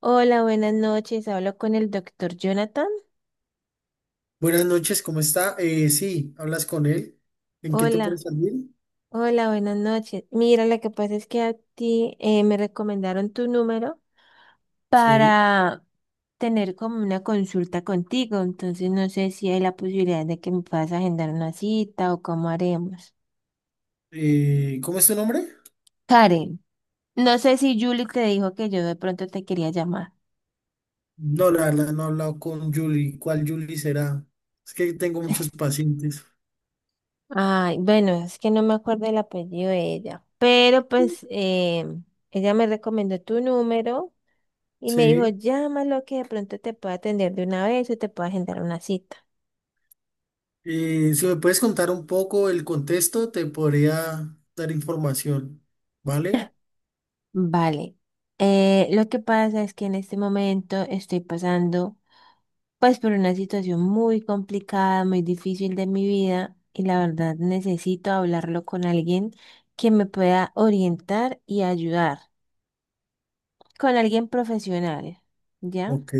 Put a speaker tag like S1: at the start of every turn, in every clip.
S1: Hola, buenas noches. Hablo con el doctor Jonathan.
S2: Buenas noches, ¿cómo está? Sí, hablas con él. ¿En qué te puedo
S1: Hola,
S2: servir?
S1: hola, buenas noches. Mira, lo que pasa es que a ti me recomendaron tu número
S2: Sí.
S1: para tener como una consulta contigo. Entonces no sé si hay la posibilidad de que me puedas agendar una cita o cómo haremos.
S2: ¿Cómo es tu nombre?
S1: Karen, no sé si Julie te dijo que yo de pronto te quería llamar.
S2: No, la verdad, no he hablado con Julie. ¿Cuál Julie será? Es que tengo muchos pacientes.
S1: Ay, bueno, es que no me acuerdo el apellido de ella, pero pues ella me recomendó tu número. Y me dijo,
S2: Sí.
S1: llámalo que de pronto te pueda atender de una vez o te pueda agendar una cita.
S2: Si me puedes contar un poco el contexto, te podría dar información. ¿Vale?
S1: Vale. Lo que pasa es que en este momento estoy pasando pues por una situación muy complicada, muy difícil de mi vida y la verdad necesito hablarlo con alguien que me pueda orientar y ayudar, con alguien profesional, ¿ya?
S2: Ok.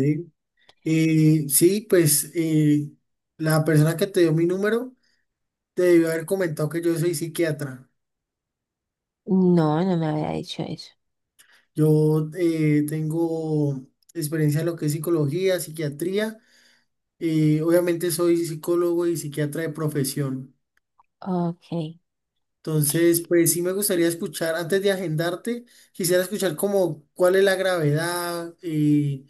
S2: Sí, pues la persona que te dio mi número te debió haber comentado que yo soy psiquiatra.
S1: No, no me había dicho eso.
S2: Yo tengo experiencia en lo que es psicología, psiquiatría. Obviamente soy psicólogo y psiquiatra de profesión.
S1: Ok.
S2: Entonces, pues sí me gustaría escuchar, antes de agendarte, quisiera escuchar como cuál es la gravedad,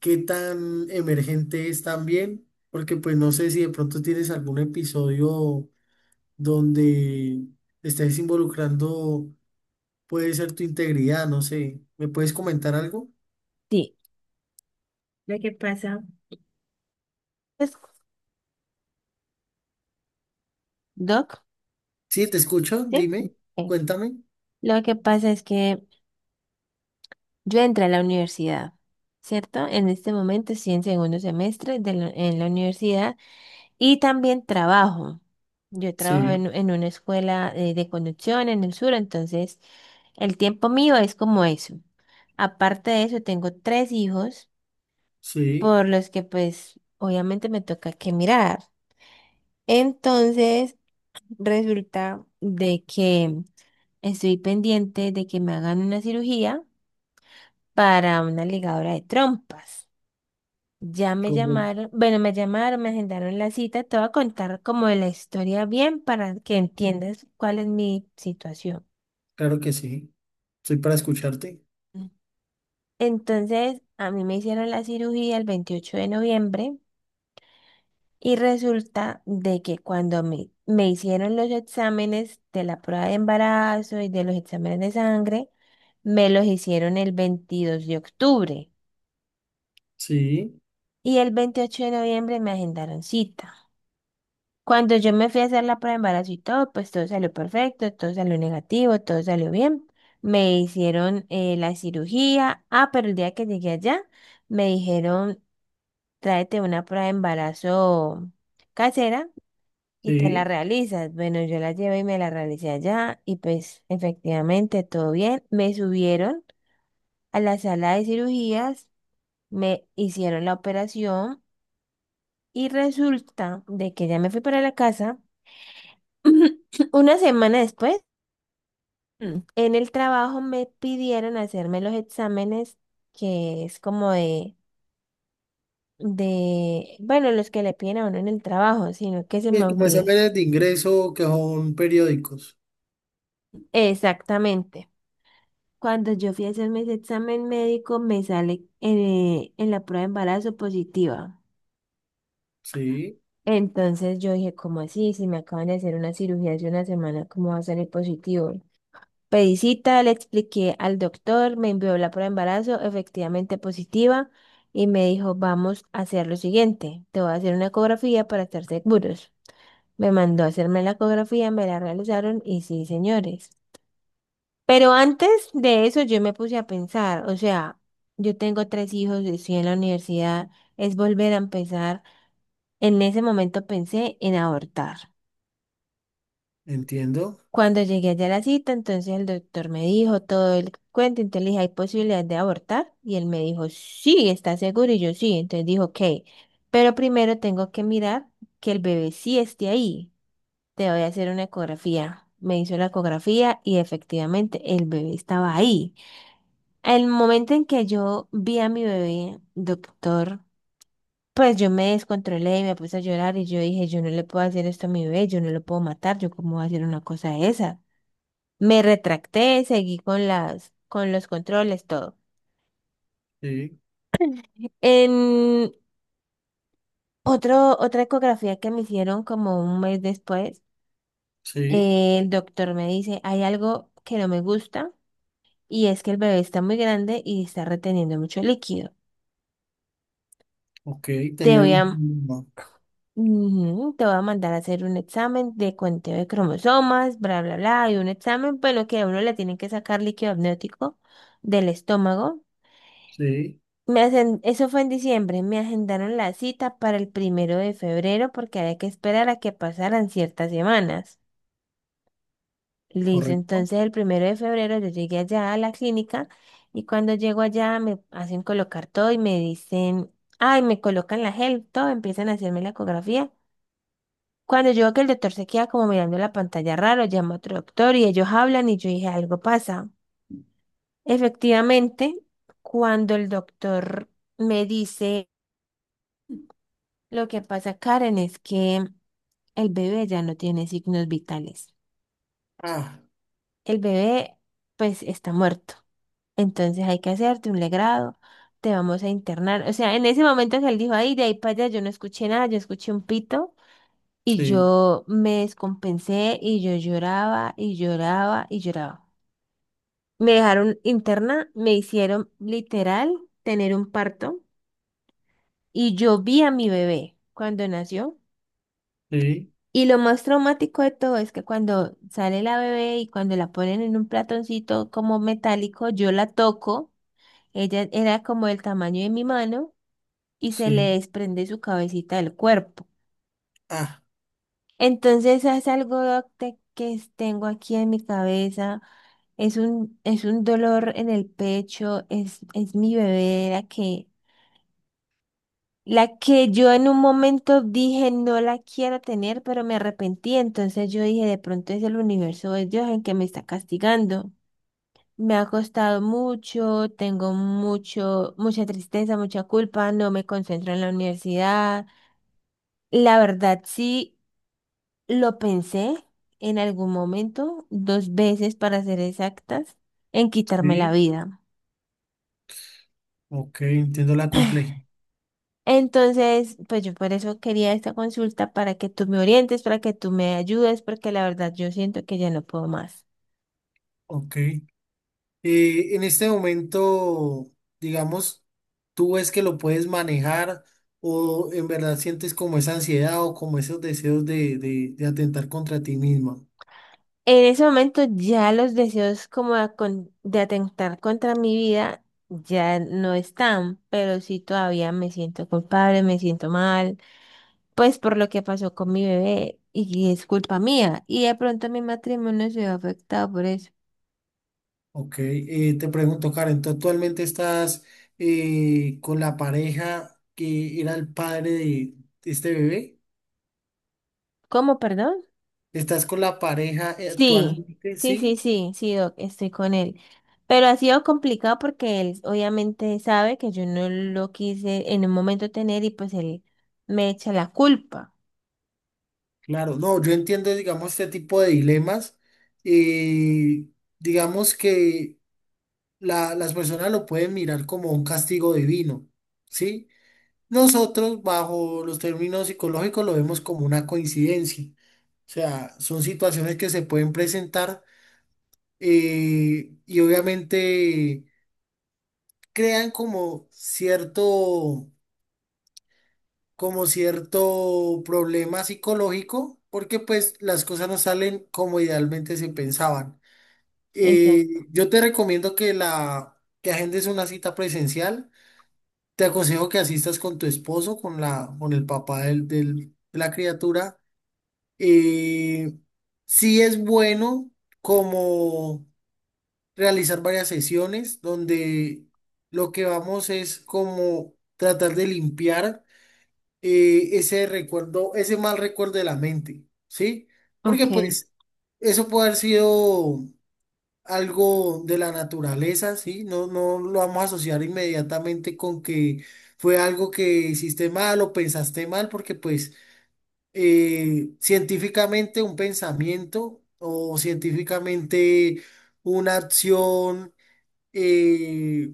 S2: qué tan emergente es también, porque pues no sé si de pronto tienes algún episodio donde estés involucrando, puede ser tu integridad, no sé. ¿Me puedes comentar algo?
S1: Sí. Lo que pasa es, Doc,
S2: Sí, te escucho,
S1: ¿sí?
S2: dime,
S1: Ok.
S2: cuéntame.
S1: Lo que pasa es que yo entré a la universidad, ¿cierto? En este momento estoy en segundo semestre de en la universidad y también trabajo. Yo trabajo en,
S2: Sí,
S1: en una escuela de conducción en el sur, entonces el tiempo mío es como eso. Aparte de eso, tengo tres hijos
S2: sí,
S1: por los que pues obviamente me toca que mirar. Entonces, resulta de que estoy pendiente de que me hagan una cirugía para una ligadora de trompas. Ya me
S2: correcto,
S1: llamaron, bueno, me llamaron, me agendaron la cita, te voy a contar como la historia bien para que entiendas cuál es mi situación.
S2: claro que sí. Estoy para escucharte.
S1: Entonces, a mí me hicieron la cirugía el 28 de noviembre y resulta de que cuando me hicieron los exámenes de la prueba de embarazo y de los exámenes de sangre, me los hicieron el 22 de octubre
S2: Sí,
S1: y el 28 de noviembre me agendaron cita. Cuando yo me fui a hacer la prueba de embarazo y todo, pues todo salió perfecto, todo salió negativo, todo salió bien. Me hicieron la cirugía. Ah, pero el día que llegué allá, me dijeron, tráete una prueba de embarazo casera y te la
S2: sí.
S1: realizas. Bueno, yo la llevé y me la realicé allá y pues efectivamente todo bien. Me subieron a la sala de cirugías, me hicieron la operación y resulta de que ya me fui para la casa. Una semana después, en el trabajo me pidieron hacerme los exámenes, que es como de, bueno, los que le piden a uno en el trabajo, sino que se
S2: Y
S1: me
S2: es como
S1: olvidó.
S2: exámenes de ingreso que son periódicos.
S1: Exactamente. Cuando yo fui a hacerme ese examen médico, me sale en la prueba de embarazo positiva.
S2: Sí,
S1: Entonces yo dije, ¿cómo así? Si me acaban de hacer una cirugía hace una semana, ¿cómo va a salir positivo? Pedí cita, le expliqué al doctor, me envió la prueba de embarazo, efectivamente positiva, y me dijo, vamos a hacer lo siguiente, te voy a hacer una ecografía para estar seguros. Me mandó a hacerme la ecografía, me la realizaron y sí, señores. Pero antes de eso yo me puse a pensar, o sea, yo tengo tres hijos, estoy en la universidad, es volver a empezar. En ese momento pensé en abortar.
S2: entiendo.
S1: Cuando llegué allá a la cita, entonces el doctor me dijo todo el cuento, entonces le dije, ¿hay posibilidad de abortar? Y él me dijo, sí, ¿está seguro? Y yo sí, entonces dijo, ok, pero primero tengo que mirar que el bebé sí esté ahí. Te voy a hacer una ecografía. Me hizo la ecografía y efectivamente el bebé estaba ahí. El momento en que yo vi a mi bebé, doctor, pues yo me descontrolé y me puse a llorar y yo dije, yo no le puedo hacer esto a mi bebé, yo no lo puedo matar, yo cómo voy a hacer una cosa de esa. Me retracté, seguí con con los controles, todo.
S2: Sí,
S1: En otra ecografía que me hicieron como un mes después,
S2: sí.
S1: el doctor me dice, hay algo que no me gusta y es que el bebé está muy grande y está reteniendo mucho líquido.
S2: Ok,
S1: Te
S2: tenía
S1: voy
S2: algún
S1: a,
S2: problema.
S1: Te voy a mandar a hacer un examen de conteo de cromosomas, bla, bla, bla, y un examen, pero que a uno le tienen que sacar líquido amniótico del estómago.
S2: Sí,
S1: Eso fue en diciembre. Me agendaron la cita para el 1 de febrero porque había que esperar a que pasaran ciertas semanas. Listo,
S2: correcto.
S1: entonces el 1 de febrero yo llegué allá a la clínica y cuando llego allá me hacen colocar todo y me dicen, ay, me colocan la gel, todo, empiezan a hacerme la ecografía. Cuando yo veo que el doctor se queda como mirando la pantalla raro, llama a otro doctor y ellos hablan y yo dije, algo pasa. Efectivamente, cuando el doctor me dice, lo que pasa, Karen, es que el bebé ya no tiene signos vitales.
S2: Ah,
S1: El bebé, pues, está muerto. Entonces hay que hacerte un legrado, te vamos a internar. O sea, en ese momento que él dijo, ay, de ahí para allá, yo no escuché nada, yo escuché un pito y
S2: sí,
S1: yo me descompensé y yo lloraba y lloraba y lloraba. Me dejaron interna, me hicieron literal tener un parto y yo vi a mi bebé cuando nació.
S2: sí,
S1: Y lo más traumático de todo es que cuando sale la bebé y cuando la ponen en un platoncito como metálico, yo la toco, ella era como el tamaño de mi mano y se le
S2: sí.
S1: desprende su cabecita del cuerpo.
S2: Ah,
S1: Entonces es algo doctor, que tengo aquí en mi cabeza, es un dolor en el pecho, es mi bebé, era que la que yo en un momento dije no la quiero tener, pero me arrepentí. Entonces yo dije, de pronto es el universo, es Dios en que me está castigando. Me ha costado mucho, tengo mucha tristeza, mucha culpa, no me concentro en la universidad. La verdad sí lo pensé en algún momento, dos veces para ser exactas, en quitarme la
S2: sí.
S1: vida.
S2: Ok, entiendo la complejidad.
S1: Entonces, pues yo por eso quería esta consulta para que tú me orientes, para que tú me ayudes, porque la verdad yo siento que ya no puedo más.
S2: Ok. En este momento, digamos, tú ves que lo puedes manejar o en verdad sientes como esa ansiedad o como esos deseos de, de atentar contra ti misma.
S1: En ese momento ya los deseos como de atentar contra mi vida ya no están, pero sí todavía me siento culpable, me siento mal, pues por lo que pasó con mi bebé y es culpa mía. Y de pronto mi matrimonio se ve afectado por eso.
S2: Ok, te pregunto, Karen, ¿tú actualmente estás con la pareja que era el padre de este bebé?
S1: ¿Cómo, perdón?
S2: ¿Estás con la pareja
S1: Sí,
S2: actualmente?
S1: sí, sí,
S2: Sí,
S1: sí, sí, Doc, estoy con él. Pero ha sido complicado porque él obviamente sabe que yo no lo quise en un momento tener y pues él me echa la culpa.
S2: claro. No, yo entiendo, digamos, este tipo de dilemas. eh, digamos que las personas lo pueden mirar como un castigo divino, ¿sí? Nosotros, bajo los términos psicológicos, lo vemos como una coincidencia. O sea, son situaciones que se pueden presentar y obviamente crean como cierto problema psicológico, porque pues las cosas no salen como idealmente se pensaban.
S1: Exacto.
S2: Yo te recomiendo que la que agendes una cita presencial. Te aconsejo que asistas con tu esposo, con la, con el papá de la criatura. Eh, sí es bueno como realizar varias sesiones donde lo que vamos es como tratar de limpiar ese recuerdo, ese mal recuerdo de la mente, ¿sí? Porque
S1: Okay,
S2: pues eso puede haber sido algo de la naturaleza, ¿sí? No, no lo vamos a asociar inmediatamente con que fue algo que hiciste mal o pensaste mal, porque pues científicamente un pensamiento o científicamente una acción eh,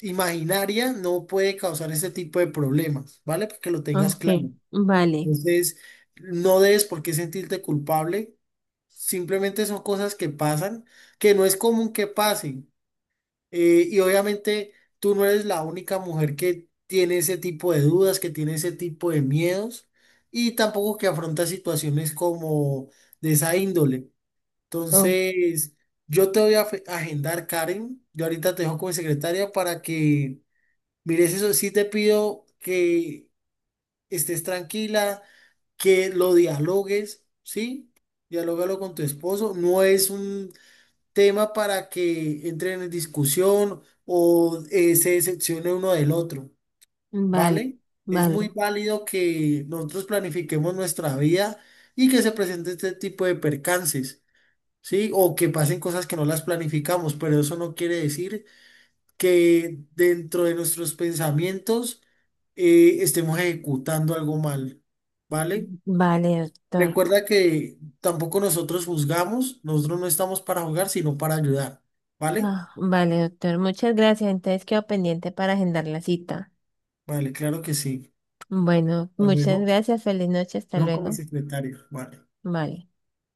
S2: imaginaria no puede causar ese tipo de problemas, ¿vale? Para que lo tengas
S1: okay,
S2: claro.
S1: vale.
S2: Entonces, no debes por qué sentirte culpable. Simplemente son cosas que pasan, que no es común que pasen. Y obviamente tú no eres la única mujer que tiene ese tipo de dudas, que tiene ese tipo de miedos y tampoco que afronta situaciones como de esa índole.
S1: Oh,
S2: Entonces, yo te voy a agendar, Karen. Yo ahorita te dejo como secretaria para que mires eso. Sí te pido que estés tranquila, que lo dialogues, ¿sí? Dialógalo con tu esposo. No es un tema para que entren en discusión o se decepcione uno del otro,
S1: vale,
S2: ¿vale? Es
S1: vale,
S2: muy válido que nosotros planifiquemos nuestra vida y que se presente este tipo de percances, ¿sí? O que pasen cosas que no las planificamos, pero eso no quiere decir que dentro de nuestros pensamientos estemos ejecutando algo mal, ¿vale?
S1: vale, doctor.
S2: Recuerda que tampoco nosotros juzgamos, nosotros no estamos para juzgar, sino para ayudar, ¿vale?
S1: Ah, vale, doctor. Muchas gracias. Entonces quedo pendiente para agendar la cita.
S2: Vale, claro que sí.
S1: Bueno,
S2: Hasta
S1: muchas
S2: luego.
S1: gracias. Feliz noche. Hasta
S2: No con mi
S1: luego.
S2: secretario. Vale.
S1: Vale.